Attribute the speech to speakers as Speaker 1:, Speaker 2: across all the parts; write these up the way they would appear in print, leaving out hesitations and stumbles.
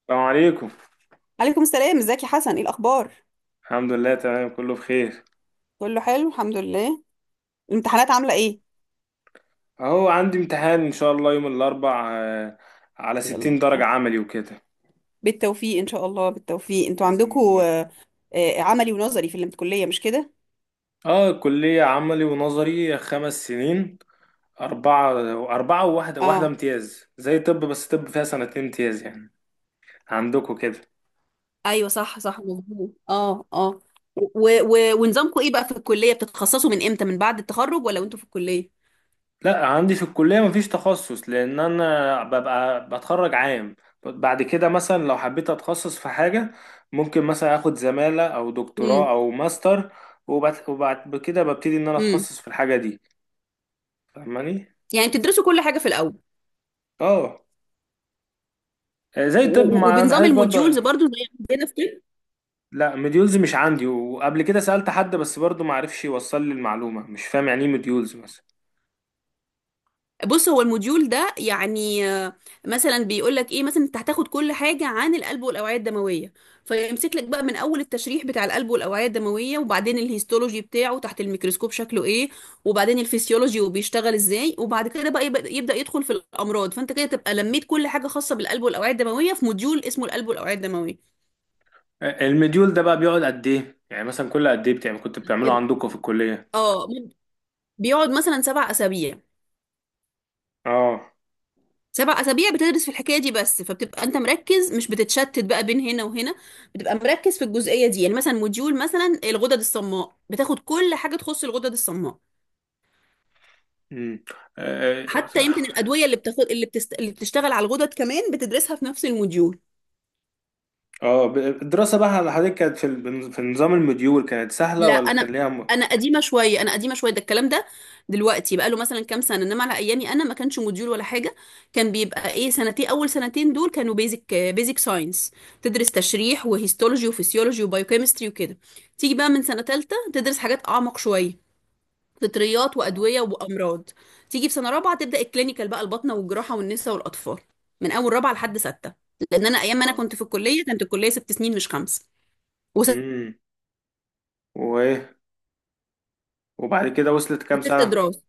Speaker 1: السلام عليكم.
Speaker 2: عليكم السلام، ازيك يا حسن؟ ايه الاخبار؟
Speaker 1: الحمد لله، تمام، كله بخير.
Speaker 2: كله حلو الحمد لله. الامتحانات عامله ايه؟
Speaker 1: اهو عندي امتحان ان شاء الله يوم الاربع، على
Speaker 2: يلا
Speaker 1: 60 درجة
Speaker 2: بالتوفيق.
Speaker 1: عملي وكده.
Speaker 2: بالتوفيق ان شاء الله. بالتوفيق. انتوا عندكم عملي ونظري في الكليه، مش كده؟
Speaker 1: اه، كلية عملي ونظري 5 سنين. أربعة أربعة وواحدة
Speaker 2: اه.
Speaker 1: امتياز زي طب، بس طب فيها سنتين امتياز يعني. عندكم كده؟
Speaker 2: ايوه صح صح مظبوط. اه اه. و و ونظامكم ايه بقى في الكليه؟ بتتخصصوا من امتى؟ من بعد التخرج ولا وانتوا في الكليه؟
Speaker 1: لا، عندي في الكلية مفيش تخصص، لأن أنا ببقى بتخرج عام. بعد كده مثلا لو حبيت أتخصص في حاجة، ممكن مثلا أخد زمالة أو دكتوراه
Speaker 2: امم.
Speaker 1: أو ماستر. وبعد كده ببتدي إن أنا
Speaker 2: امم.
Speaker 1: أتخصص في الحاجة دي. فاهماني؟
Speaker 2: يعني بتدرسوا كل حاجه في الاول.
Speaker 1: اه. زي
Speaker 2: و-
Speaker 1: الطب
Speaker 2: و-
Speaker 1: مع
Speaker 2: وبنظام
Speaker 1: حضرتك برضو.
Speaker 2: الموديولز برضو زي عندنا في طب؟
Speaker 1: لا، مديولز مش عندي، وقبل كده سألت حد بس برضو معرفش يوصل لي المعلومة، مش فاهم يعني إيه مديولز مثلا.
Speaker 2: بص، هو الموديول ده يعني مثلا بيقول لك ايه؟ مثلا انت هتاخد كل حاجه عن القلب والاوعيه الدمويه، فيمسك لك بقى من اول التشريح بتاع القلب والاوعيه الدمويه، وبعدين الهيستولوجي بتاعه تحت الميكروسكوب شكله ايه، وبعدين الفسيولوجي وبيشتغل ازاي، وبعد كده بقى يبدا يدخل في الامراض. فانت كده تبقى لميت كل حاجه خاصه بالقلب والاوعيه الدمويه في موديول اسمه القلب والاوعيه الدمويه.
Speaker 1: المديول ده بقى بيقعد قد إيه؟ يعني مثلا كل قد إيه بتعمل، كنت بتعمله عندكم في الكلية؟
Speaker 2: اه بيقعد مثلا سبع اسابيع.
Speaker 1: اه.
Speaker 2: سبع أسابيع بتدرس في الحكاية دي بس، فبتبقى أنت مركز، مش بتتشتت بقى بين هنا وهنا. بتبقى مركز في الجزئية دي. يعني مثلا موديول مثلا الغدد الصماء بتاخد كل حاجة تخص الغدد الصماء.
Speaker 1: امم. اه.
Speaker 2: حتى يمكن الأدوية اللي بتاخد، اللي بتشتغل على الغدد كمان بتدرسها في نفس الموديول.
Speaker 1: الدراسة بقى على حضرتك كانت في نظام المديول، كانت سهلة
Speaker 2: لا،
Speaker 1: ولا كان
Speaker 2: انا
Speaker 1: ليها؟
Speaker 2: انا قديمه شويه، ده الكلام ده. دلوقتي بقى له مثلا كام سنه، انما على ايامي انا ما كانش موديول ولا حاجه. كان بيبقى ايه، سنتين، اول سنتين دول كانوا بيزك ساينس. تدرس تشريح وهيستولوجي وفسيولوجي وبايوكيمستري وكده. تيجي بقى من سنه ثالثه تدرس حاجات اعمق شويه، فطريات
Speaker 1: اه،
Speaker 2: وادويه وامراض. تيجي في سنه رابعه تبدا الكلينيكال بقى، الباطنه والجراحه والنساء والاطفال، من اول رابعه لحد سته. لان انا ايام ما انا
Speaker 1: اه.
Speaker 2: كنت في الكليه كانت الكليه ست سنين مش خمس. وست.
Speaker 1: امم. وايه؟ وبعد كده وصلت كام سنة؟
Speaker 2: دراسه.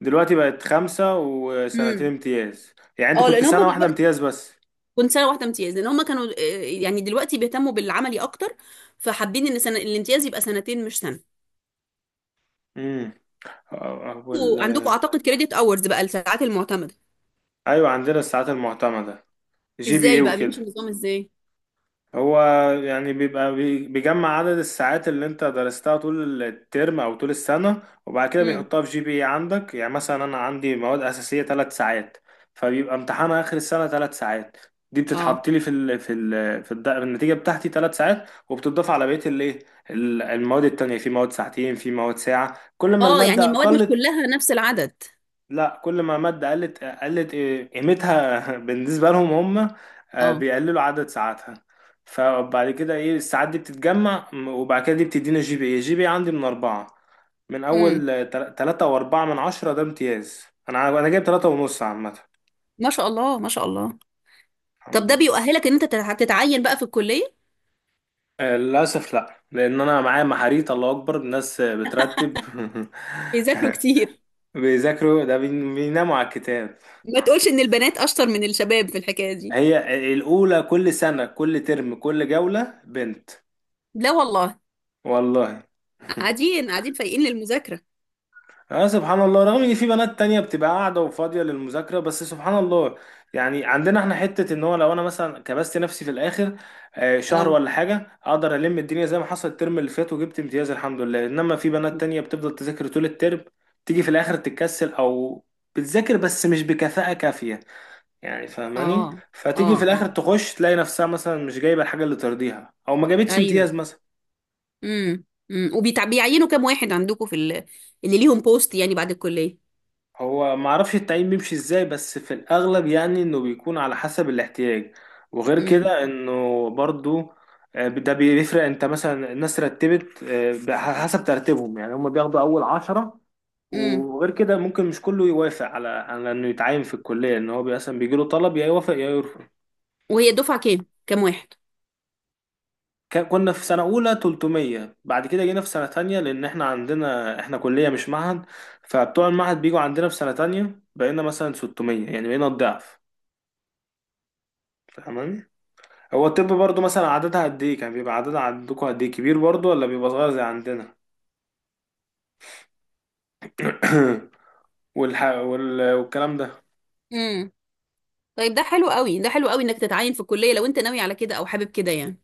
Speaker 1: دلوقتي بقت خمسة وسنتين
Speaker 2: امم.
Speaker 1: امتياز. يعني انت
Speaker 2: اه
Speaker 1: كنت
Speaker 2: لان هم
Speaker 1: سنة واحدة
Speaker 2: دلوقتي،
Speaker 1: امتياز بس.
Speaker 2: كنت سنه واحده امتياز لان هم كانوا يعني دلوقتي بيهتموا بالعملي اكتر، فحابين ان سنة الامتياز يبقى سنتين مش سنه.
Speaker 1: امم. آه، آه، وال...
Speaker 2: وعندكم اعتقد كريدت اورز بقى، الساعات المعتمده.
Speaker 1: ايوه، عندنا الساعات المعتمدة، GPA
Speaker 2: ازاي بقى بيمشي
Speaker 1: وكده.
Speaker 2: النظام ازاي؟
Speaker 1: هو يعني بيبقى بيجمع عدد الساعات اللي انت درستها طول الترم او طول السنة، وبعد كده
Speaker 2: امم.
Speaker 1: بيحطها في GPA عندك. يعني مثلا انا عندي مواد اساسية 3 ساعات، فبيبقى امتحانها اخر السنة 3 ساعات. دي
Speaker 2: اه.
Speaker 1: بتتحط لي في ال في ال في الد- النتيجة بتاعتي 3 ساعات، وبتضاف على بقية الايه. المواد التانية في مواد ساعتين، في مواد ساعة. كل ما
Speaker 2: اه يعني
Speaker 1: المادة
Speaker 2: المواد مش
Speaker 1: قلت.
Speaker 2: كلها نفس العدد.
Speaker 1: لا، كل ما مادة قلت، قلت قيمتها بالنسبة لهم. هم
Speaker 2: اه.
Speaker 1: بيقللوا عدد ساعاتها. فبعد كده ايه، الساعات دي بتتجمع وبعد كده دي بتدينا GPA. جي بي إيه عندي من 4؟ من
Speaker 2: امم.
Speaker 1: أول 3.4 من 10 ده امتياز. أنا جايب 3.5 عامة.
Speaker 2: ما شاء الله ما شاء الله. طب
Speaker 1: الحمد
Speaker 2: ده
Speaker 1: لله.
Speaker 2: بيؤهلك ان انت تتعين بقى في الكليه؟
Speaker 1: للأسف لا، لأن أنا معايا محاريت، الله أكبر، الناس بترتب.
Speaker 2: بيذاكروا كتير.
Speaker 1: بيذاكروا، ده بيناموا على الكتاب.
Speaker 2: ما تقولش ان البنات اشطر من الشباب في الحكايه دي.
Speaker 1: هي الأولى كل سنة، كل ترم، كل جولة بنت.
Speaker 2: لا والله.
Speaker 1: والله.
Speaker 2: قاعدين قاعدين فايقين للمذاكره.
Speaker 1: اه، سبحان الله، رغم ان في بنات تانية بتبقى قاعدة وفاضية للمذاكرة، بس سبحان الله. يعني عندنا احنا حتة، ان هو لو انا مثلا كبست نفسي في الاخر شهر
Speaker 2: اه.
Speaker 1: ولا حاجة، اقدر الم الدنيا زي ما حصل الترم اللي فات وجبت امتياز الحمد لله. انما في بنات تانية بتفضل تذاكر طول الترم، تيجي في الاخر تتكسل او بتذاكر بس مش بكفاءة كافية، يعني فاهماني؟
Speaker 2: اه. اه.
Speaker 1: فتيجي في الاخر
Speaker 2: اه.
Speaker 1: تخش تلاقي نفسها مثلا مش جايبة الحاجة اللي ترضيها، او ما جابتش
Speaker 2: ايوه.
Speaker 1: امتياز مثلا.
Speaker 2: امم. امم. وبيعينوا كام واحد عندكم في ال... اللي ليهم بوست يعني بعد الكلية؟
Speaker 1: هو معرفش التعيين بيمشي ازاي، بس في الاغلب يعني انه بيكون على حسب الاحتياج. وغير
Speaker 2: امم.
Speaker 1: كده انه برضو ده بيفرق، انت مثلا الناس رتبت حسب ترتيبهم. يعني هم بياخدوا اول 10.
Speaker 2: امم.
Speaker 1: وغير كده ممكن مش كله يوافق على انه يتعين في الكليه، ان هو مثلا بيجي له طلب، يا يوافق يا يرفض.
Speaker 2: وهي الدفعة كام؟ كام واحد؟
Speaker 1: كنا في سنه اولى 300، بعد كده جينا في سنه تانية، لان احنا عندنا احنا كليه مش معهد. فبتوع المعهد بيجوا عندنا في سنه تانية، بقينا مثلا 600، يعني بقينا الضعف. فاهماني؟ هو الطب برضو مثلا عددها قد ايه، كان بيبقى عددها عندكم قد ايه، كبير برضو ولا بيبقى صغير زي عندنا؟ والكلام ده.
Speaker 2: امم. طيب ده حلو قوي، ده حلو قوي انك تتعين في الكلية لو انت ناوي على كده او حابب كده يعني.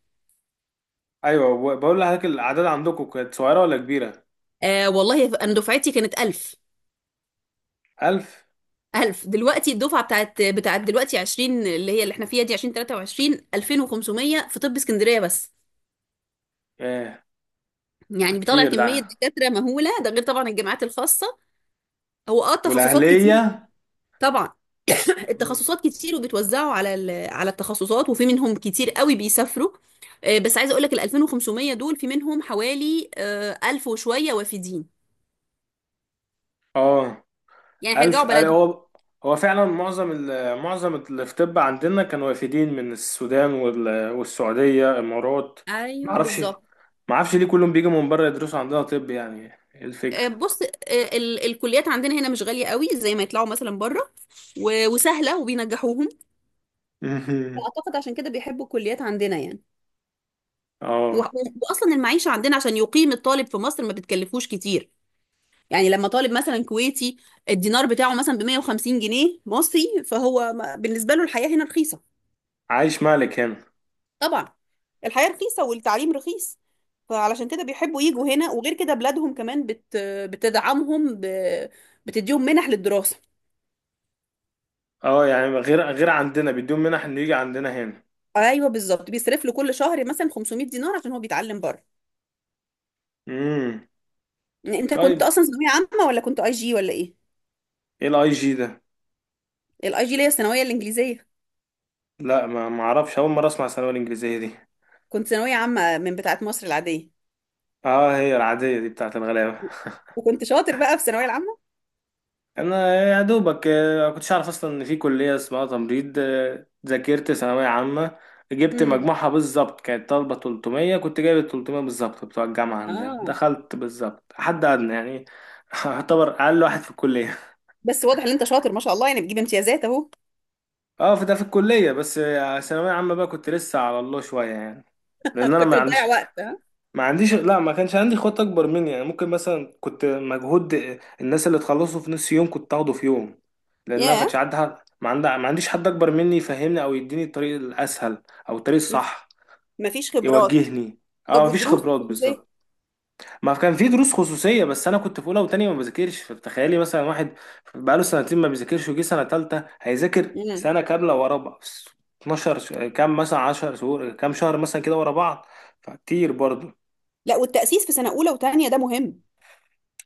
Speaker 1: ايوه، بقول لحضرتك الاعداد عندكم كانت صغيره ولا كبيره؟
Speaker 2: آه والله انا دفعتي كانت 1000.
Speaker 1: 1000!
Speaker 2: 1000. دلوقتي الدفعة بتاعت دلوقتي 20، اللي هي اللي احنا فيها دي، 2023، 2500 في طب اسكندرية بس.
Speaker 1: ايه ده،
Speaker 2: يعني بيطلع
Speaker 1: كتير
Speaker 2: كمية
Speaker 1: ده.
Speaker 2: دكاترة مهولة، ده غير طبعا الجامعات الخاصة. هو اه تخصصات كتير.
Speaker 1: والاهليه.
Speaker 2: طبعا.
Speaker 1: مم.
Speaker 2: التخصصات كتير وبتوزعوا على على التخصصات، وفي منهم كتير قوي بيسافروا. بس عايزه اقول لك ال 2500 دول في منهم حوالي 1000 وشويه وافدين.
Speaker 1: اه.
Speaker 2: يعني هيرجعوا بلدهم.
Speaker 1: هو هو فعلا معظم معظم اللي في طب عندنا كانوا وافدين من السودان والسعوديه، امارات.
Speaker 2: ايوه
Speaker 1: معرفش
Speaker 2: بالظبط.
Speaker 1: معرفش ليه كلهم بيجوا من بره يدرسوا عندنا طب يعني. ايه الفكره؟
Speaker 2: بص. الكليات عندنا هنا مش غاليه قوي زي ما يطلعوا مثلا بره، وسهله، وبينجحوهم. فاعتقد عشان كده بيحبوا الكليات عندنا يعني. و-
Speaker 1: اه.
Speaker 2: واصلا المعيشه عندنا، عشان يقيم الطالب في مصر ما بتكلفوش كتير. يعني لما طالب مثلا كويتي، الدينار بتاعه مثلا ب 150 جنيه مصري، فهو بالنسبة له الحياة هنا رخيصة.
Speaker 1: عايش مالك هنا.
Speaker 2: طبعا. الحياة رخيصة والتعليم رخيص، فعلشان كده بيحبوا يجوا هنا. وغير كده بلادهم كمان بتدعمهم بتديهم منح للدراسة.
Speaker 1: اه، يعني غير عندنا بيدوم منح انه يجي عندنا هنا.
Speaker 2: ايوه بالظبط، بيصرف له كل شهر مثلا 500 دينار عشان هو بيتعلم بره.
Speaker 1: امم.
Speaker 2: يعني انت كنت
Speaker 1: طيب،
Speaker 2: اصلا ثانوية عامة ولا كنت اي جي ولا ايه؟
Speaker 1: ايه IG ده؟
Speaker 2: الاي جي اللي هي الثانوية الانجليزية.
Speaker 1: لا، ما اعرفش، اول مره اسمع الثانويه الانجليزيه دي.
Speaker 2: كنت ثانوية عامة من بتاعة مصر العادية.
Speaker 1: اه، هي العاديه دي بتاعت الغلابه.
Speaker 2: وكنت شاطر بقى في الثانوية العامة.
Speaker 1: انا يا دوبك ما كنتش اعرف اصلا ان في كليه اسمها تمريض. ذاكرت ثانويه عامه، جبت
Speaker 2: امم.
Speaker 1: مجموعها بالظبط. كانت طالبه 300 كنت جايب 300 بالظبط. بتوع الجامعه عندنا
Speaker 2: اه.
Speaker 1: دخلت بالظبط، حد ادنى يعني. اعتبر اقل واحد في الكليه.
Speaker 2: بس واضح ان انت شاطر ما شاء الله، يعني بتجيب امتيازات اهو.
Speaker 1: اه، في ده في الكلية بس. ثانوية عامة بقى كنت لسه على الله شوية يعني. لأن
Speaker 2: كنت
Speaker 1: أنا ما عنديش
Speaker 2: بتضيع وقت ها.
Speaker 1: ما عنديش لا، ما كانش عندي خطة أكبر مني. يعني ممكن مثلا كنت مجهود، الناس اللي تخلصوا في نص يوم كنت أخده في يوم. لأن أنا ما
Speaker 2: ياه.
Speaker 1: كانش عندي حد، ما عنديش حد أكبر مني يفهمني أو يديني الطريق الأسهل، أو الطريق
Speaker 2: مف-
Speaker 1: الصح،
Speaker 2: مفيش خبرات.
Speaker 1: يوجهني. اه،
Speaker 2: طب
Speaker 1: مفيش
Speaker 2: والدروس
Speaker 1: خبرات
Speaker 2: الخصوصيه؟
Speaker 1: بالظبط. ما كان في دروس خصوصية، بس أنا كنت في أولى وتانية ما بذاكرش، فتخيلي مثلا واحد بقاله سنتين ما بيذاكرش وجي سنة تالتة هيذاكر
Speaker 2: امم.
Speaker 1: سنة كاملة ورا بعض. 12 كام، مثلا 10 شهور، كام شهر مثلا كده ورا بعض، فكتير برضه.
Speaker 2: لا، والتأسيس في سنة أولى وتانية ده مهم.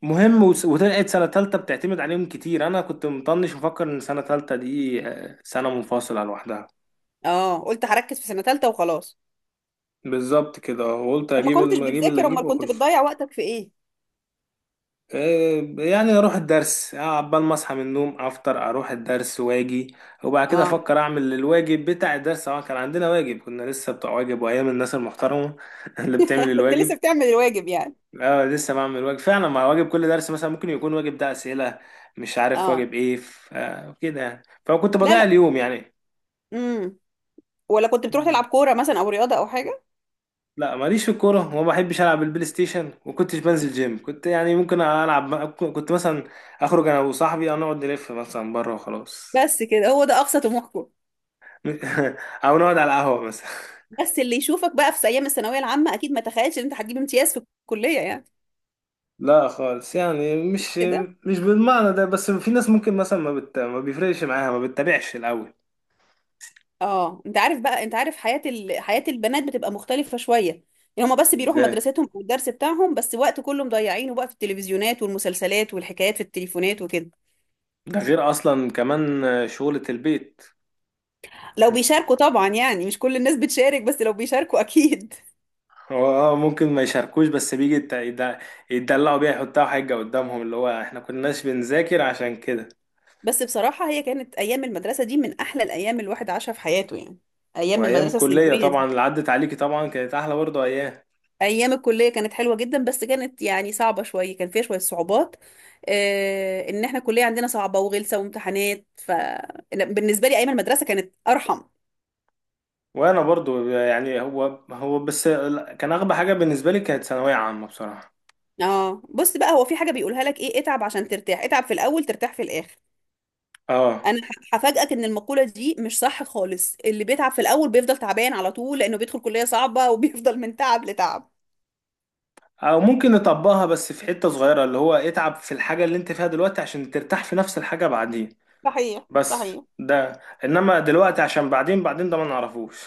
Speaker 1: مهم، وطلعت سنة تالتة بتعتمد عليهم كتير. أنا كنت مطنش، مفكر إن سنة تالتة دي سنة منفصلة لوحدها.
Speaker 2: اه قلت هركز في سنة تالتة وخلاص.
Speaker 1: بالظبط كده، وقلت
Speaker 2: طب ما كنتش
Speaker 1: أجيب اللي
Speaker 2: بتذاكر، امال
Speaker 1: أجيبه
Speaker 2: كنت
Speaker 1: وأخش.
Speaker 2: بتضيع وقتك في ايه؟
Speaker 1: يعني اروح الدرس، عبال ما اصحى من النوم افطر اروح الدرس واجي، وبعد كده
Speaker 2: اه.
Speaker 1: افكر اعمل الواجب بتاع الدرس. اه، كان عندنا واجب، كنا لسه بتوع واجب، وايام الناس المحترمه اللي بتعمل
Speaker 2: كنت لسه
Speaker 1: الواجب.
Speaker 2: بتعمل الواجب يعني.
Speaker 1: اه، لسه بعمل واجب فعلا، مع واجب كل درس مثلا ممكن يكون واجب ده اسئله، مش عارف
Speaker 2: اه.
Speaker 1: واجب ايه، كده يعني، فكنت
Speaker 2: لا
Speaker 1: بضيع
Speaker 2: لا.
Speaker 1: اليوم يعني.
Speaker 2: امم. ولا كنت بتروح
Speaker 1: مم.
Speaker 2: تلعب كورة مثلا، او رياضة، او حاجة؟
Speaker 1: لا، ماليش في الكوره، وما بحبش العب البلاي ستيشن، وكنتش بنزل جيم. كنت يعني ممكن العب، كنت مثلا اخرج انا وصاحبي أو نقعد نلف مثلا بره وخلاص.
Speaker 2: بس كده؟ هو ده اقصى طموحكم؟
Speaker 1: او نقعد على القهوة مثلا.
Speaker 2: بس اللي يشوفك بقى في ايام الثانوية العامة اكيد ما تخيلش ان انت هتجيب امتياز في الكلية يعني،
Speaker 1: لا خالص، يعني
Speaker 2: مش
Speaker 1: مش
Speaker 2: كده؟
Speaker 1: مش بالمعنى ده، بس في ناس ممكن مثلا ما بيفرقش معاها، ما بتتابعش الاول.
Speaker 2: اه انت عارف بقى، انت عارف حياة حياة البنات بتبقى مختلفة شوية. يعني هما بس بيروحوا
Speaker 1: ازاي؟
Speaker 2: مدرستهم او الدرس بتاعهم بس، وقت كله مضيعينه بقى في التلفزيونات والمسلسلات والحكايات في التليفونات وكده.
Speaker 1: ده غير اصلا كمان شغلة البيت.
Speaker 2: لو بيشاركوا طبعا، يعني مش كل الناس بتشارك، بس لو بيشاركوا اكيد.
Speaker 1: هو اه ممكن ما يشاركوش، بس بيجي يتدلعوا بيها، يحطها حجة قدامهم اللي هو احنا كناش بنذاكر عشان كده.
Speaker 2: بس بصراحة، هي كانت ايام المدرسة دي من احلى الايام الواحد عاشها في حياته يعني، ايام
Speaker 1: وايام
Speaker 2: المدرسة
Speaker 1: الكلية
Speaker 2: الثانوية
Speaker 1: طبعا
Speaker 2: دي.
Speaker 1: اللي عدت عليكي طبعا كانت احلى برضه ايام.
Speaker 2: ايام الكليه كانت حلوه جدا، بس كانت يعني صعبه شويه، كان فيها شويه صعوبات. آه ان احنا الكليه عندنا صعبه وغلسه وامتحانات، ف لا، بالنسبه لي ايام المدرسه كانت ارحم.
Speaker 1: وانا برضه، يعني، هو بس كان اغبى حاجة بالنسبة لي كانت ثانوية عامة بصراحة.
Speaker 2: اه بص بقى، هو في حاجه بيقولها لك ايه، اتعب عشان ترتاح، اتعب في الاول ترتاح في الاخر.
Speaker 1: اه،
Speaker 2: انا هفاجئك ان المقوله دي مش صح خالص. اللي بيتعب في الاول بيفضل تعبان على طول، لانه بيدخل كليه صعبه وبيفضل من تعب لتعب.
Speaker 1: او ممكن نطبقها بس في حتة صغيرة، اللي هو اتعب في الحاجة اللي انت فيها دلوقتي عشان ترتاح في نفس الحاجة بعدين،
Speaker 2: صحيح
Speaker 1: بس.
Speaker 2: صحيح.
Speaker 1: ده، انما دلوقتي عشان بعدين، بعدين ده ما نعرفوش.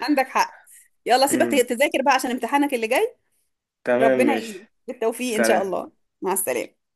Speaker 2: عندك حق. يلا سيبك
Speaker 1: امم.
Speaker 2: تذاكر بقى عشان امتحانك اللي جاي.
Speaker 1: تمام،
Speaker 2: ربنا يعينك.
Speaker 1: ماشي.
Speaker 2: بالتوفيق ان شاء
Speaker 1: سلام.
Speaker 2: الله. مع السلامه.